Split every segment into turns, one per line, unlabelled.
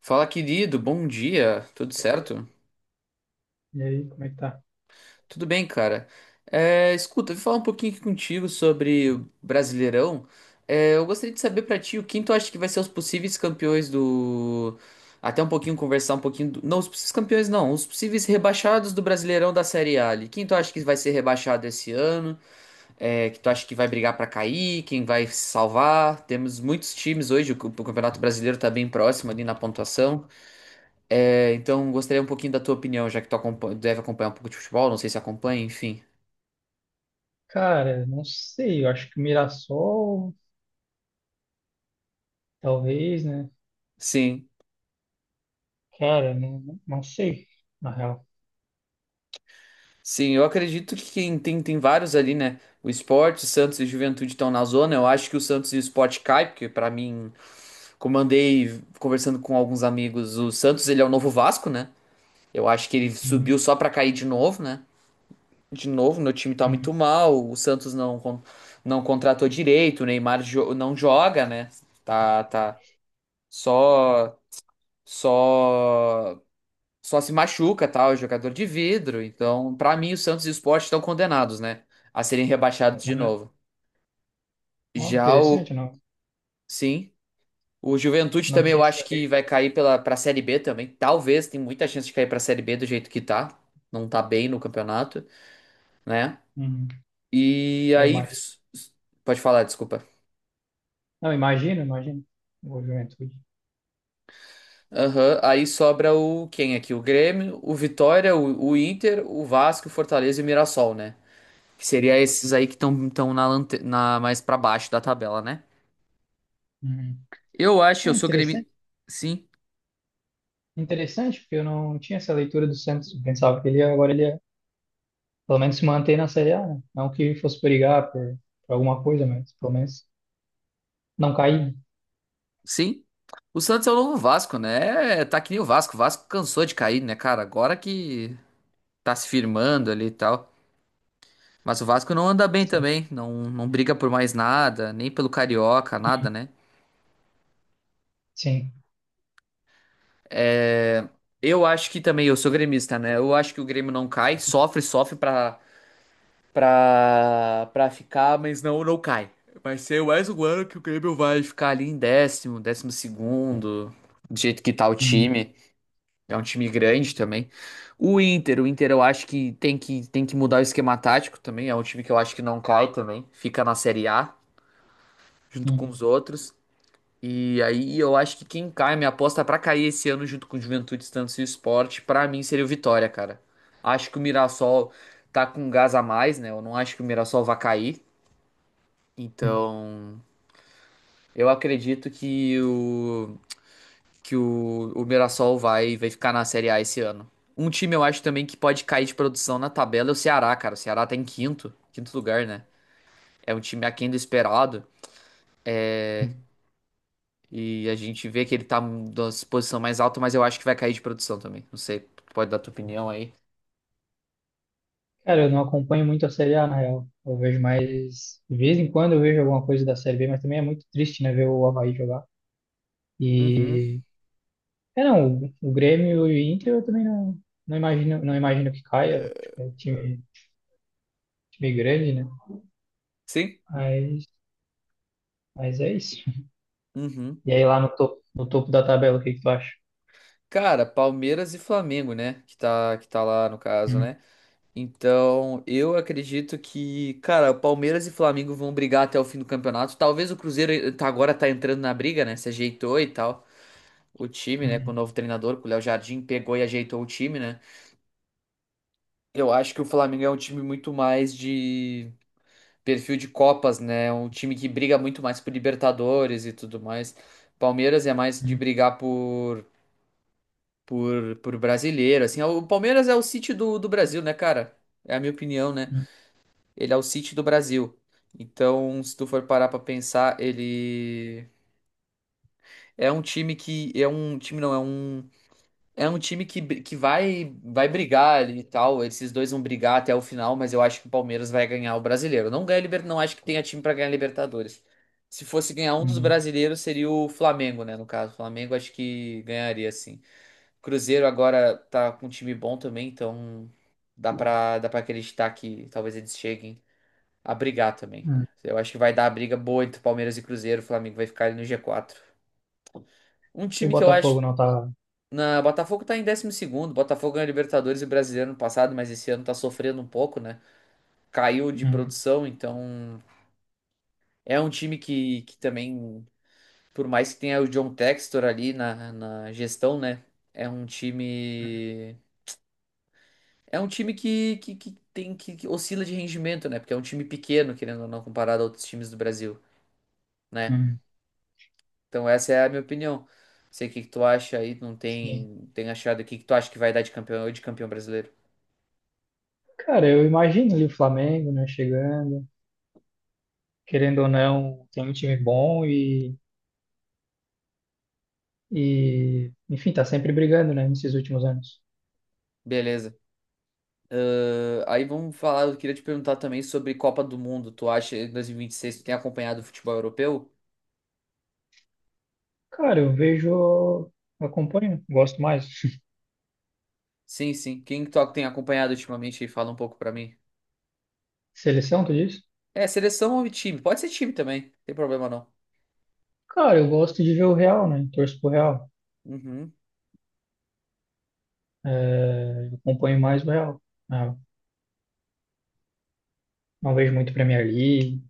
Fala, querido, bom dia, tudo
E aí,
certo?
como é que tá?
Tudo bem, cara. É, escuta, vou falar um pouquinho aqui contigo sobre o Brasileirão. É, eu gostaria de saber pra ti o quem tu acha que vai ser os possíveis campeões do. Até um pouquinho conversar um pouquinho. Não, os possíveis campeões não, os possíveis rebaixados do Brasileirão da Série A ali. Quem tu acha que vai ser rebaixado esse ano? É, que tu acha que vai brigar pra cair? Quem vai se salvar? Temos muitos times hoje, o Campeonato Brasileiro tá bem próximo ali na pontuação. É, então, gostaria um pouquinho da tua opinião, já que tu deve acompanhar um pouco de futebol, não sei se acompanha, enfim.
Cara, não sei, eu acho que Mirassol, talvez, né?
Sim,
Cara, não sei, na real.
sim, eu acredito que quem tem vários ali, né? O Sport, o Santos e o Juventude estão na zona. Eu acho que o Santos e o Sport cai, porque pra mim, como andei conversando com alguns amigos, o Santos ele é o novo Vasco, né? Eu acho que ele
Uhum,
subiu só pra cair de novo, né? De novo, meu time tá
uhum.
muito mal, o Santos não, não contratou direito, o Neymar não joga, né? Tá, tá. Só. só só se machuca, tal, é jogador de vidro. Então, pra mim, o Santos e o Sport estão condenados, né, a serem rebaixados de
Ah,
novo.
ó,
Já
interessante,
o,
não,
sim, o Juventude
não
também
tinha
eu
essa
acho que
ideia.
vai cair pela para Série B também. Talvez, tem muita chance de cair pra Série B do jeito que tá. Não tá bem no campeonato, né?
Uhum.
E
É,
aí
imagina.
pode falar, desculpa.
Não, imagina, imagina. O Juventude.
Aham, aí sobra o quem aqui? O Grêmio, o Vitória, o Inter, o Vasco, o Fortaleza e o Mirassol, né? Que seria esses aí que estão na mais pra baixo da tabela, né?
Uhum.
Eu acho,
É
eu sou
interessante,
gremista. Sim,
interessante, porque eu não tinha essa leitura do Santos. Eu pensava que agora ele ia, pelo menos, se manter na Série A, né? Não que fosse brigar por alguma coisa, mas pelo menos não cair.
sim. O Santos é o novo Vasco, né? É, tá que nem o Vasco. O Vasco cansou de cair, né, cara? Agora que tá se firmando ali e tal. Mas o Vasco não anda bem
Sim,
também. Não briga por mais nada, nem pelo Carioca,
uhum,
nada, né?
sim.
É, eu acho que também, eu sou gremista, né? Eu acho que o Grêmio não cai, sofre, sofre pra ficar, mas não, não cai. Vai ser mais um ano que o Grêmio vai ficar ali em décimo, décimo segundo, do jeito que tá o
Uhum.
time. É um time grande também. O Inter eu acho que tem que mudar o esquema tático também. É um time que eu acho que não cai também. Fica na Série A, junto com
Uhum.
os outros. E aí eu acho que quem cai, minha aposta pra cair esse ano junto com o Juventude, Estância e Sport, pra mim seria o Vitória, cara. Acho que o Mirassol tá com gás a mais, né? Eu não acho que o Mirassol vai cair. Então, eu acredito que o que o Mirassol vai ficar na Série A esse ano. Um time eu acho também que pode cair de produção na tabela é o Ceará, cara. O Ceará tá em quinto, quinto lugar, né? É um time aquém do esperado e a gente vê que ele tá na posição mais alta, mas eu acho que vai cair de produção também. Não sei, tu pode dar tua opinião aí.
Cara, eu não acompanho muito a Série A, na real. Eu vejo mais. De vez em quando eu vejo alguma coisa da Série B, mas também é muito triste, né, ver o Avaí jogar.
Uhum.
E. É, não, o Grêmio e o Inter eu também não imagino, não imagino que caia. Acho que é time grande, né?
Sim.
Mas, mas é isso.
Uhum.
E aí lá no topo, no topo da tabela, o que que tu acha?
Cara, Palmeiras e Flamengo, né? Que tá lá no caso,
Uhum,
né? Então, eu acredito que, cara, Palmeiras e Flamengo vão brigar até o fim do campeonato. Talvez o Cruzeiro agora tá entrando na briga, né? Se ajeitou e tal. O time, né, com o
uhum,
novo treinador, com o Léo Jardim, pegou e ajeitou o time, né? Eu acho que o Flamengo é um time muito mais de perfil de Copas, né? Um time que briga muito mais por Libertadores e tudo mais. Palmeiras é mais de
uhum,
brigar por brasileiro, assim. O Palmeiras é o City do Brasil, né, cara? É a minha opinião, né?
uhum,
Ele é o City do Brasil. Então, se tu for parar pra pensar, ele é um time que é um time não, é um time que vai brigar ali e tal. Esses dois vão brigar até o final, mas eu acho que o Palmeiras vai ganhar o Brasileiro. Não ganha não acho que tenha time pra ganhar Libertadores. Se fosse ganhar um dos
uhum,
brasileiros, seria o Flamengo, né, no caso. O Flamengo acho que ganharia sim. Cruzeiro agora tá com um time bom também, então dá para acreditar que talvez eles cheguem a brigar também,
uhum.
né? Eu acho que vai dar a briga boa entre Palmeiras e Cruzeiro, o Flamengo vai ficar ali no G4. Um
E o
time que eu acho.
Botafogo não tá.
Botafogo tá em décimo segundo. Botafogo ganhou Libertadores e Brasileiro no passado, mas esse ano tá sofrendo um pouco, né? Caiu de
Uhum,
produção, então é um time que também, por mais que tenha o John Textor ali na gestão, né? É um time. É um time que oscila de rendimento, né? Porque é um time pequeno, querendo ou não, comparado a outros times do Brasil, né?
uhum.
Então essa é a minha opinião. Sei o que que tu acha aí, não
Sim.
tem achado o que que tu acha que vai dar de campeão brasileiro.
Cara, eu imagino ali o Flamengo, né, chegando. Querendo ou não, tem um time bom e enfim, tá sempre brigando, né, nesses últimos anos.
Beleza. Aí vamos falar, eu queria te perguntar também sobre Copa do Mundo. Tu acha, em 2026 tu tem acompanhado o futebol europeu?
Cara, eu vejo, acompanho, gosto mais.
Sim, sim. Quem que tu tem acompanhado ultimamente aí? Fala um pouco pra mim.
Seleção, tu disse?
É, seleção ou time? Pode ser time também, não tem problema não.
Cara, eu gosto de ver o Real, né, torço pro Real.
Uhum.
É, acompanho mais o Real. Não, não vejo muito Premier League.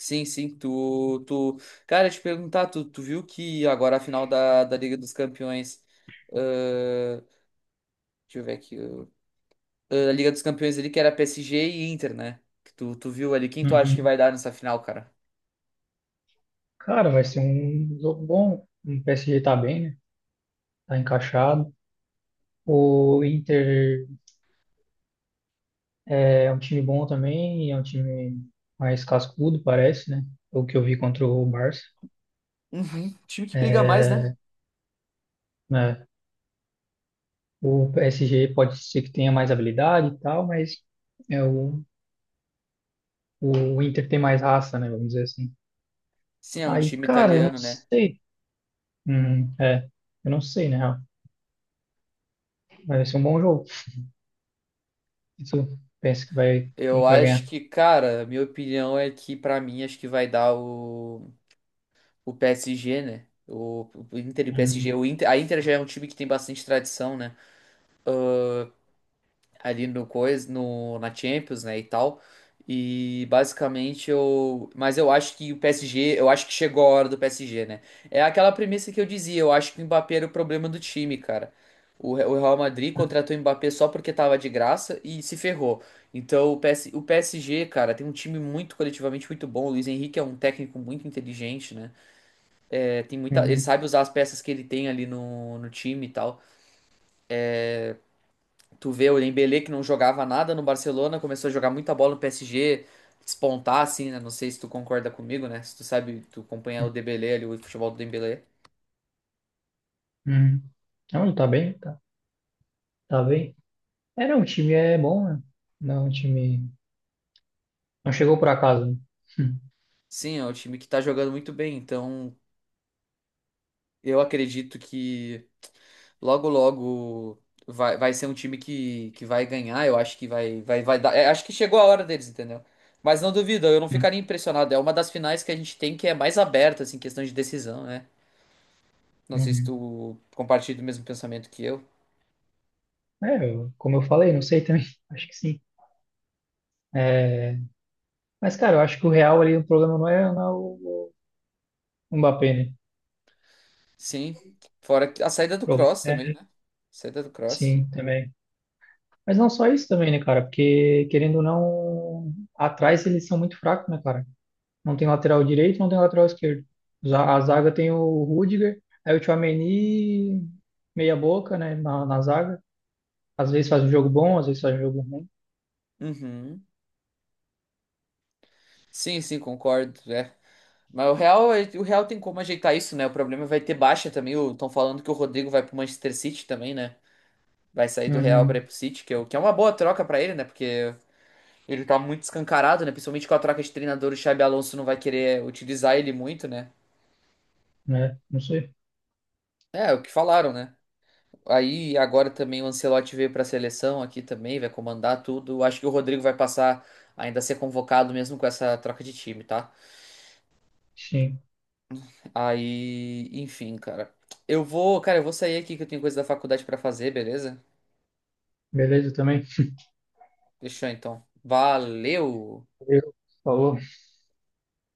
Sim, sim, cara, eu te perguntar, tu viu que agora a final da Liga dos Campeões. ahn, Deixa eu ver aqui. Da Liga dos Campeões ali, que era PSG e Inter, né? Que tu viu ali. Quem tu acha que
Uhum.
vai dar nessa final, cara?
Cara, vai ser um jogo bom. O PSG tá bem, né, tá encaixado. O Inter é é um time bom também, é um time mais cascudo, parece, né? O que eu vi contra o Barça.
Uhum. Time que briga mais, né?
É, né? O PSG pode ser que tenha mais habilidade e tal, mas é, o, o Inter tem mais raça, né? Vamos dizer assim.
Sim, é um
Aí,
time
cara, eu não
italiano, né?
sei. É, eu não sei, né? Vai ser um bom jogo. Isso, pensa que vai, quem
Eu
que vai
acho
ganhar?
que, cara, minha opinião é que pra mim acho que vai dar o PSG, né? O Inter e PSG.
Hum,
O Inter, a Inter já é um time que tem bastante tradição, né? Ali no coisa, no, na Champions, né, e tal. Mas eu acho que o PSG, eu acho que chegou a hora do PSG, né? É aquela premissa que eu dizia, eu acho que o Mbappé era o problema do time, cara. O Real Madrid contratou o Mbappé só porque tava de graça e se ferrou. Então o PSG, cara, tem um time muito coletivamente muito bom. O Luiz Henrique é um técnico muito inteligente, né? É, tem muita, ele
uhum,
sabe usar as peças que ele tem ali no time e tal. Tu vê o Dembélé que não jogava nada no Barcelona, começou a jogar muita bola no PSG, despontar assim, né? Não sei se tu concorda comigo, né? Se tu sabe, tu acompanha o Dembélé ali, o futebol do Dembélé.
uhum. Não, ele tá tá bem. É, não, o time é bom, né? Não, é um time. Não chegou por acaso, né? Hum,
Sim, é um time que tá jogando muito bem, então eu acredito que logo logo vai ser um time que vai ganhar, eu acho que vai dar, é, acho que chegou a hora deles, entendeu? Mas não duvido, eu não
hum,
ficaria impressionado, é uma das finais que a gente tem que é mais aberta assim, em questão de decisão, né? Não
hum,
sei se
hum.
tu compartilha do mesmo pensamento que eu.
É, eu- como eu falei, não sei também. Acho que sim. É, mas, cara, eu acho que o real ali, o problema não é o Mbappé, né?
Sim. Fora a saída
O
do
problema
Cross também,
é,
né? Saída do Cross.
sim, também. Mas não só isso também, né, cara? Porque, querendo ou não, atrás eles são muito fracos, né, cara? Não tem lateral direito, não tem lateral esquerdo. Za- A zaga tem o Rudiger, aí o Tchouaméni, meia boca, né, na zaga. Às vezes faz um jogo bom, às vezes faz um jogo ruim.
Uhum. Sim, sim, concordo. É. Mas o Real, o Real tem como ajeitar isso, né? O problema vai ter baixa também. Estão falando que o Rodrigo vai pro Manchester City também, né? Vai sair do Real para ir
Uhum.
pro City, que é uma boa troca pra ele, né? Porque ele tá muito escancarado, né? Principalmente com a troca de treinador, o Xabi Alonso não vai querer utilizar ele muito, né?
Né? Não sei.
É, o que falaram, né? Aí agora também o Ancelotti veio para a seleção aqui também, vai comandar tudo. Acho que o Rodrigo vai passar ainda a ser convocado mesmo com essa troca de time, tá?
Sim.
Aí, enfim, cara. Eu vou, cara, eu vou sair aqui que eu tenho coisa da faculdade para fazer, beleza?
Beleza também?
Fechou então. Valeu.
Valeu. Falou.